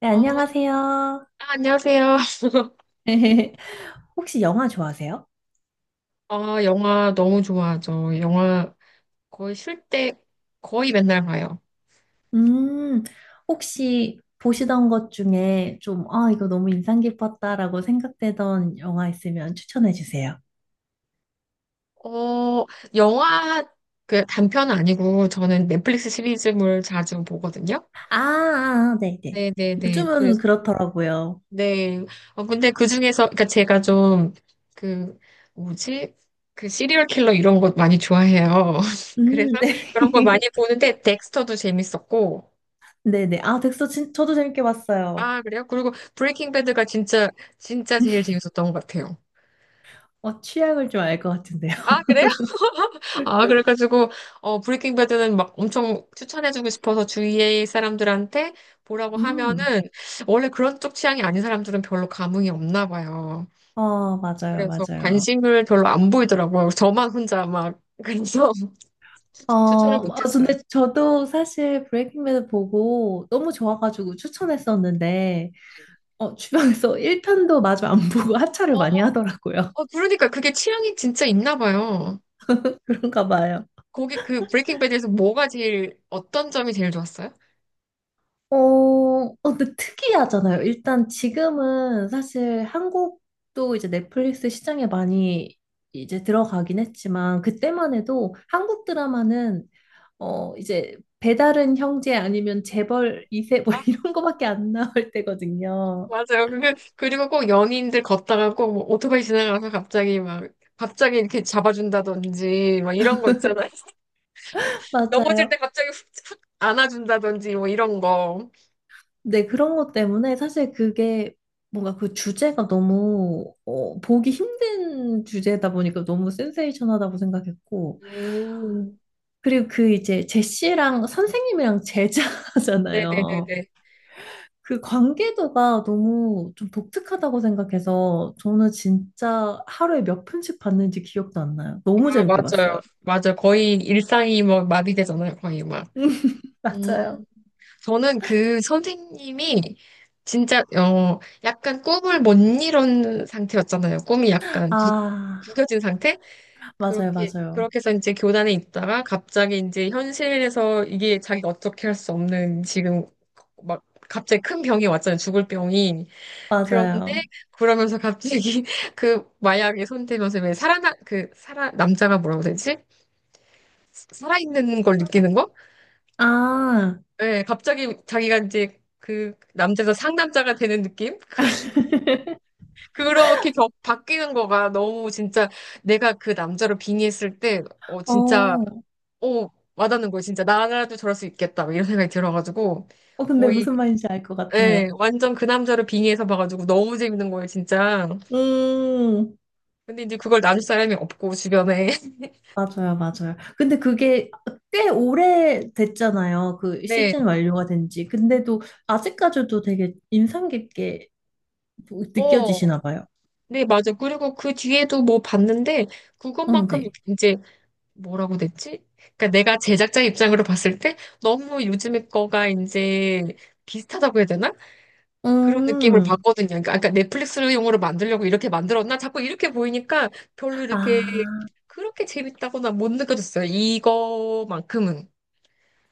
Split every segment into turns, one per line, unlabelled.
네,
아,
안녕하세요.
아, 안녕하세요.
혹시 영화 좋아하세요?
아, 영화 너무 좋아하죠. 영화 거의 쉴 때 거의 맨날 봐요.
음, 혹시 보시던 것 중에 좀, 아, 이거 너무 인상 깊었다라고 생각되던 영화 있으면 추천해 주세요.
어, 영화 그 단편 아니고 저는 넷플릭스 시리즈물 자주 보거든요.
아, 아, 네네.
네네네.
요즘은
그래서,
그렇더라고요.
네. 어, 근데 그 중에서, 그니까 제가 좀 그, 뭐지? 그 시리얼 킬러 이런 것 많이 좋아해요. 그래서 그런 걸 많이
네.
보는데 덱스터도 재밌었고,
네네. 아, 덱스터 저도 재밌게 봤어요.
아, 그래요? 그리고 브레이킹 배드가 진짜, 진짜 제일 재밌었던 것 같아요.
취향을 좀 알 것 같은데요.
아, 그래요? 아, 그래가지고, 어, 브레이킹 배드는 막 엄청 추천해주고 싶어서 주위의 사람들한테 보라고
음,
하면은, 원래 그런 쪽 취향이 아닌 사람들은 별로 감흥이 없나 봐요.
맞아요,
그래서
맞아요.
관심을 별로 안 보이더라고요. 저만 혼자 막, 그래서 추천을
아,
못했어요.
근데 저도 사실 브레이킹 배드 보고 너무 좋아가지고 추천했었는데,
네.
주변에서 1편도 마저 안 보고 하차를
어,
많이 하더라고요.
어, 그러니까 그게 취향이 진짜 있나 봐요.
그런가 봐요.
거기 그 브레이킹 배드에서 뭐가 제일, 어떤 점이 제일 좋았어요?
근데 특이하잖아요. 일단 지금은 사실 한국도 이제 넷플릭스 시장에 많이 이제 들어가긴 했지만, 그때만 해도 한국 드라마는 이제 배다른 형제 아니면 재벌 이세뭐 이런 거밖에 안 나올 때거든요.
맞아요. 그리고 꼭 연인들 걷다가 꼭뭐 오토바이 지나가서 갑자기 막, 갑자기 이렇게 잡아준다든지, 막 이런 거 있잖아요. 넘어질 때
맞아요.
갑자기 훅, 훅 안아준다든지, 뭐 이런 거.
네, 그런 것 때문에 사실 그게 뭔가 그 주제가 너무 보기 힘든 주제다 보니까 너무 센세이션하다고 생각했고
음,
그리고 그 이제 제시랑 선생님이랑 제자잖아요.
네네네네.
그 관계도가 너무 좀 독특하다고 생각해서 저는 진짜 하루에 몇 편씩 봤는지 기억도 안 나요. 너무
아,
재밌게
맞아요.
봤어요.
맞아요. 거의 일상이 뭐 마비되잖아요. 거의 막. 음,
맞아요.
저는 그 선생님이 진짜, 어, 약간 꿈을 못 이룬 상태였잖아요. 꿈이 약간
아,
구겨진 상태?
맞아요,
그렇게,
맞아요.
그렇게 해서 이제 교단에 있다가 갑자기 이제 현실에서 이게 자기가 어떻게 할 수 없는 지금 막 갑자기 큰 병이 왔잖아요. 죽을 병이. 그런데
맞아요.
그러면서 갑자기 그 마약에 손대면서 왜 살아나, 그 살아, 남자가 뭐라고 되지? 살아있는 걸 느끼는 거?
아,
예, 갑자기 자기가 이제 그 남자에서 상남자가 되는 느낌? 그렇게 바뀌는 거가 너무 진짜 내가 그 남자로 빙의했을 때, 어, 진짜
어.
오, 와닿는 거예요, 진짜. 나라도 저럴 수 있겠다. 막 이런 생각이 들어가지고,
근데
거의,
무슨 말인지 알 것
예,
같아요.
완전 그 남자를 빙의해서 봐가지고 너무 재밌는 거예요, 진짜.
음,
근데 이제 그걸 나눌 사람이 없고, 주변에.
맞아요, 맞아요. 근데 그게 꽤 오래 됐잖아요. 그
네,
시즌 완료가 된 지. 근데도 아직까지도 되게 인상 깊게
어,
느껴지시나 봐요.
네, 맞아. 그리고 그 뒤에도 뭐 봤는데,
응,
그것만큼
네.
이제 뭐라고 됐지? 그러니까 내가 제작자 입장으로 봤을 때, 너무 요즘의 거가 이제 비슷하다고 해야 되나? 그런 느낌을
음,
받거든요. 그러니까 아까 넷플릭스를 용어로 만들려고 이렇게 만들었나? 자꾸 이렇게 보이니까 별로 이렇게
아,
그렇게 재밌다거나 못 느껴졌어요. 이거만큼은.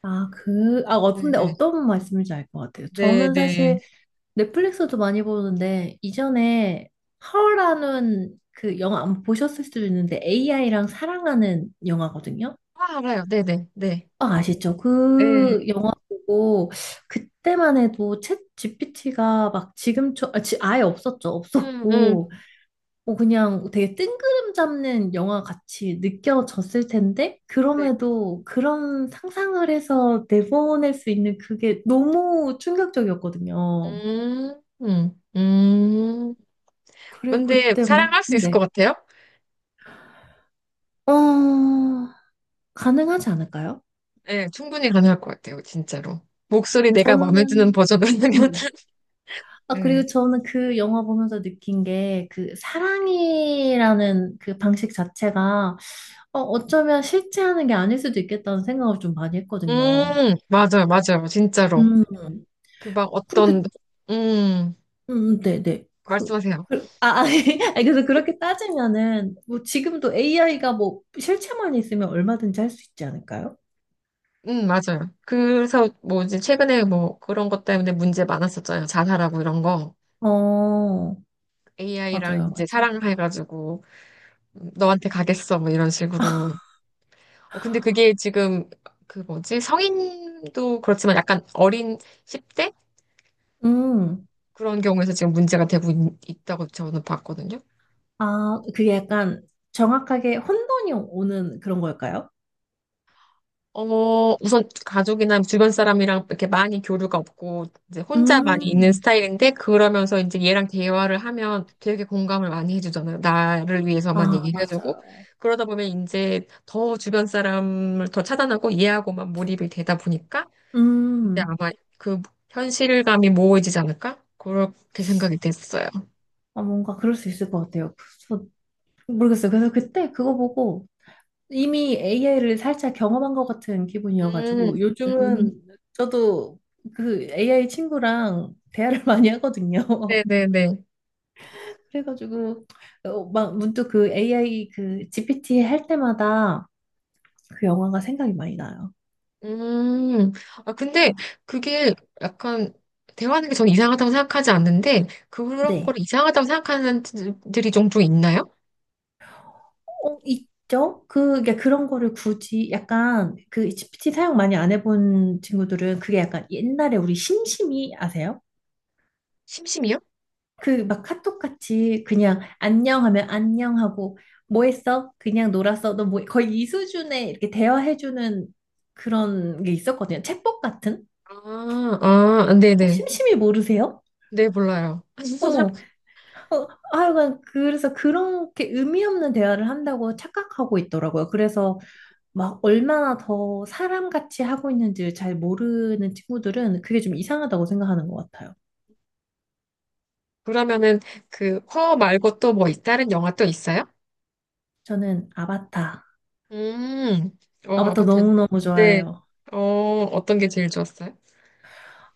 근데
네,
어떤 말씀인지 알 것 같아요.
네,
저는
네.
사실 넷플릭스도 많이 보는데, 이전에 하울라는 그 영화 안 보셨을 수도 있는데, AI랑 사랑하는 영화거든요.
아, 알아요. 네, 네, 네.
아, 아시죠?
네.
그 영화 보고 그때만 해도 챗 GPT가 막 지금처럼 아예 없었죠.
음, 음,
없었고 뭐 그냥 되게 뜬구름 잡는 영화 같이 느껴졌을 텐데
네.
그럼에도 그런 상상을 해서 내보낼 수 있는 그게 너무 충격적이었거든요.
음, 음, 음.
그리고
근데
그때 막
사랑할 수 있을 것
네.
같아요?
어, 가능하지 않을까요?
네, 충분히 가능할 것 같아요. 진짜로. 목소리 내가 마음에 드는
저는
버전이라면.
음. 아,
네.
그리고 저는 그 영화 보면서 느낀 게 그 사랑이라는 그 방식 자체가 어쩌면 실제 하는 게 아닐 수도 있겠다는 생각을 좀 많이 했거든요.
맞아요, 맞아요. 진짜로.
음,
그 막
그렇게,
어떤, 음.
네네.
말씀하세요.
그- 아, 아, 아니, 그래서 그렇게 따지면은 뭐 지금도 AI가 뭐 실체만 있으면 얼마든지 할 수 있지 않을까요?
맞아요. 그래서 뭐 이제 최근에 뭐 그런 것 때문에 문제 많았었잖아요. 자살하고 이런 거.
어,
AI랑
맞아요,
이제
맞아요.
사랑해가지고 너한테 가겠어 뭐 이런 식으로. 어, 근데 그게 지금 그 뭐지? 성인도 그렇지만 약간 어린 10대?
음,
그런 경우에서 지금 문제가 되고 있, 다고 저는 봤거든요.
아, 그게 약간 정확하게 혼돈이 오는 그런 걸까요?
어, 우선 가족이나 주변 사람이랑 이렇게 많이 교류가 없고, 이제 혼자 많이 있는
음.
스타일인데, 그러면서 이제 얘랑 대화를 하면 되게 공감을 많이 해주잖아요. 나를 위해서만
아,
얘기를 해주고.
맞아요.
그러다 보면 이제 더 주변 사람을 더 차단하고 이해하고만 몰입이 되다 보니까, 이제
음,
아마 그 현실감이 모호해지지 않을까? 그렇게 생각이 됐어요.
아, 뭔가 그럴 수 있을 것 같아요. 그래서 모르겠어요. 그래서 그때 그거 보고 이미 AI를 살짝 경험한 것 같은
음,
기분이어가지고
음,
요즘은 저도 그 AI 친구랑 대화를 많이 하거든요.
네네네.
그래가지고 막 문득 그 AI 그 GPT 할 때마다 그 영화가 생각이 많이 나요.
음, 아, 근데 그게 약간 대화하는 게 저는 이상하다고 생각하지 않는데 그런
네.
거를 이상하다고 생각하는 분들이 종종 있나요?
있죠? 그 그런 거를 굳이 약간 그 GPT 사용 많이 안 해본 친구들은 그게 약간 옛날에 우리 심심이 아세요?
심심이요?
그 막 카톡 같이 그냥 안녕 하면 안녕 하고 뭐 했어? 그냥 놀았어. 너 뭐, 거의 이 수준의 이렇게 대화해주는 그런 게 있었거든요. 챗봇 같은?
아, 아, 네네. 네,
심심이 모르세요?
네, 몰라요.
어, 어, 하여간 그래서 그렇게 의미 없는 대화를 한다고 착각하고 있더라고요. 그래서 막 얼마나 더 사람같이 하고 있는지를 잘 모르는 친구들은 그게 좀 이상하다고 생각하는 것 같아요.
그러면은 그 허 말고 또 뭐 다른 영화 또 있어요?
저는
음, 어,
아바타
아파트.
너무너무
네.
좋아해요.
어, 어떤 게 제일 좋았어요?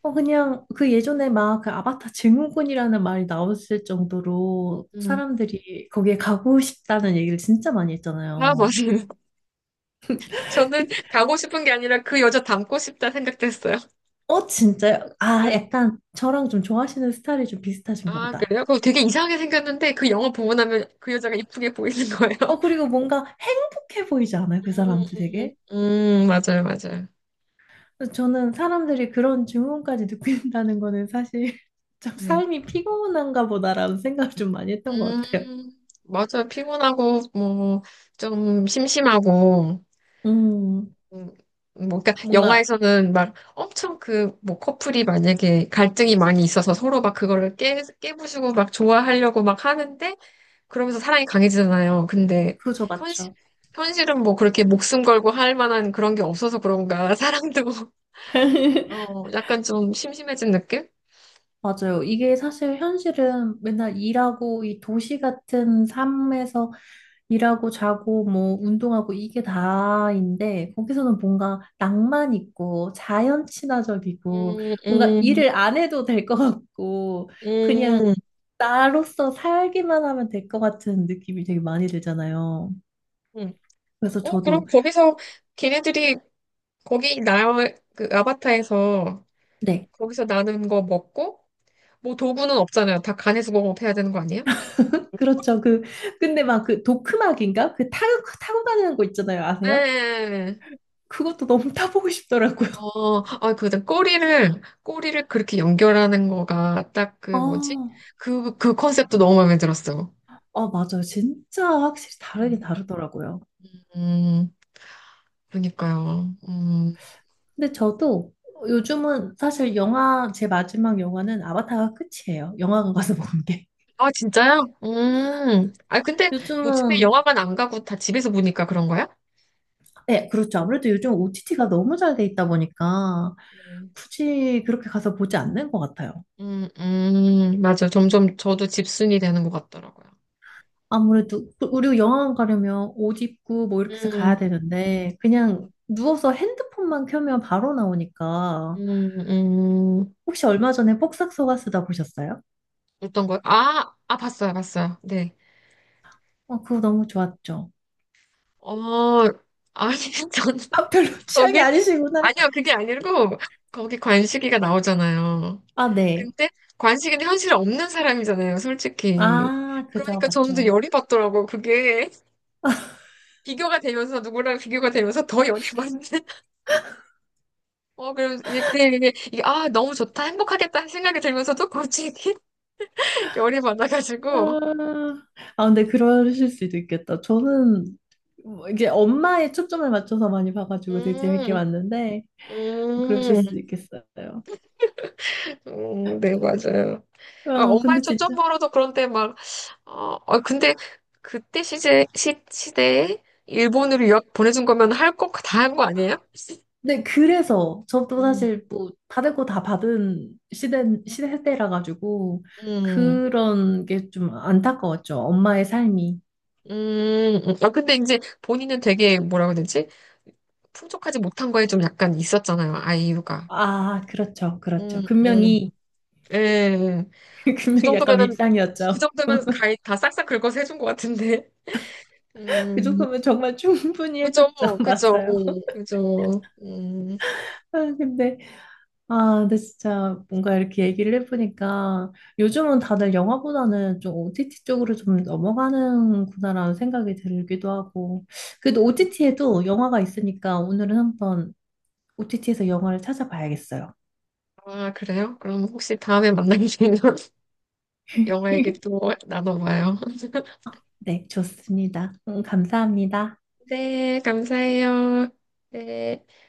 그냥 그 예전에 막 그 아바타 증후군이라는 말이 나왔을 정도로
음.
사람들이 거기에 가고 싶다는 얘기를 진짜 많이
아,
했잖아요.
맞아요.
그-
저는
그,
가고 싶은 게 아니라 그 여자 닮고 싶다 생각됐어요.
진짜요? 아,
네.
약간 저랑 좀 좋아하시는 스타일이 좀 비슷하신가
아,
보다.
그래요? 그거 되게 이상하게 생겼는데 그 영화 보고 나면 그 여자가 이쁘게 보이는 거예요.
그리고 뭔가 행복해 보이지 않아요? 그
음,
사람들 되게?
맞아요, 맞아요.
그래서 저는 사람들이 그런 질문까지 느낀다는 거는 사실 참
네.
삶이 피곤한가 보다라는 생각을 좀 많이 했던 것
음,
같아요.
맞아요. 피곤하고, 뭐, 좀 심심하고,
음,
음, 뭐, 그러니까
뭔가,
영화에서는 막 엄청 그, 뭐, 커플이 만약에 갈등이 많이 있어서 서로 막 그거를 깨, 깨부수고 막 좋아하려고 막 하는데, 그러면서 사랑이 강해지잖아요. 근데,
그죠,
현실,
맞죠.
현실은 뭐 그렇게 목숨 걸고 할 만한 그런 게 없어서 그런가, 사랑도. 어, 약간 좀 심심해진 느낌?
맞아요. 이게 사실 현실은 맨날 일하고 이 도시 같은 삶에서 일하고 자고 뭐 운동하고 이게 다인데 거기서는 뭔가 낭만 있고 자연 친화적이고
음,
뭔가
음,
일을 안 해도 될 것 같고 그냥
음,
나로서 살기만 하면 될 것 같은 느낌이 되게 많이 들잖아요.
음.
그래서
어, 그럼
저도.
거기서 걔네들이 거기 나 그 아바타에서
네,
거기서 나는 거 먹고 뭐 도구는 없잖아요. 다 간에서 공업해야 되는 거 아니에요?
그렇죠. 근데 막 그 도크막인가 그 타고 타고 다니는 거 있잖아요, 아세요?
네.
그것도 너무 타보고 싶더라고요.
어, 아, 그 꼬리를 꼬리를 그렇게 연결하는 거가 딱 그
아,
뭐지? 그 그 컨셉도 너무 마음에 들었어요.
아, 맞아요. 진짜 확실히 다르긴 다르더라고요.
음, 그러니까요. 음.
근데 저도 요즘은 사실 영화, 제 마지막 영화는 아바타가 끝이에요. 영화관 가서 본 게.
아, 진짜요? 음. 아, 근데 요즘에
요즘은,
영화관 안 가고 다 집에서 보니까 그런 거야?
네, 그렇죠. 아무래도 요즘 OTT가 너무 잘 돼 있다 보니까
네.
굳이 그렇게 가서 보지 않는 것 같아요.
맞아. 점점 저도 집순이 되는 것 같더라고요.
아무래도, 우리 영화관 가려면 옷 입고 뭐 이렇게 해서 가야
음,
되는데, 그냥 누워서 핸드폰만 켜면 바로 나오니까.
음, 음.
혹시 얼마 전에 폭삭 속가수다 보셨어요?
어떤 거요? 아, 아, 봤어요, 봤어요. 네.
그거 너무 좋았죠.
어, 아니, 전
아, 별로 취향이
거기,
아니시구나.
아니요, 그게 아니고, 거기 관식이가 나오잖아요.
아, 네.
근데 관식이는 현실에 없는 사람이잖아요, 솔직히.
아, 그죠,
그러니까 저는 좀
맞죠.
열이 받더라고요, 그게. 비교가 되면서 누구랑 비교가 되면서 더 열이 받는 어 그럼 이게 그냥 이게 아 너무 좋다 행복하겠다 하는 생각이 들면서도 갑자기 열이 받아가지고
아, 아, 근데 그러실 수도 있겠다. 저는 뭐 이게 엄마의 초점을 맞춰서 많이 봐가지고 되게 재밌게
음,
봤는데, 그러실
음,
수도 있겠어요.
네, 맞아요. 아, 엄마의
근데
초점
진짜.
벌어도 그런데 막, 어, 어, 근데 그때 시대에 일본으로 유학 보내준 거면 할 거 다 한 거 아니에요?
네, 그래서 저도
음,
사실 뭐 받을 거 다 받은 시대라 가지고
음,
그런 게 좀 안타까웠죠. 엄마의 삶이.
음. 아, 근데 이제 본인은 되게 뭐라고 해야 되지? 풍족하지 못한 거에 좀 약간 있었잖아요, 아이유가.
아, 그렇죠,
음,
그렇죠.
음,
분명히,
예. 예. 그
분명히 약간
정도면은, 그
밉상이었죠.
정도면 가이 다 싹싹 긁어서 해준 것 같은데.
그
음,
정도면 정말 충분히
그죠,
해줬죠.
그죠,
맞아요.
그죠.
아, 근데, 아, 근데 진짜 뭔가 이렇게 얘기를 해보니까 요즘은 다들 영화보다는 좀 OTT 쪽으로 좀 넘어가는구나라는 생각이 들기도 하고. 그래도 OTT에도 영화가 있으니까 오늘은 한번 OTT에서 영화를 찾아봐야겠어요.
아, 그래요? 그럼 혹시 다음에 만나게 되면 영화 얘기 또 나눠봐요.
네, 좋습니다. 감사합니다.
네, 감사해요. 네.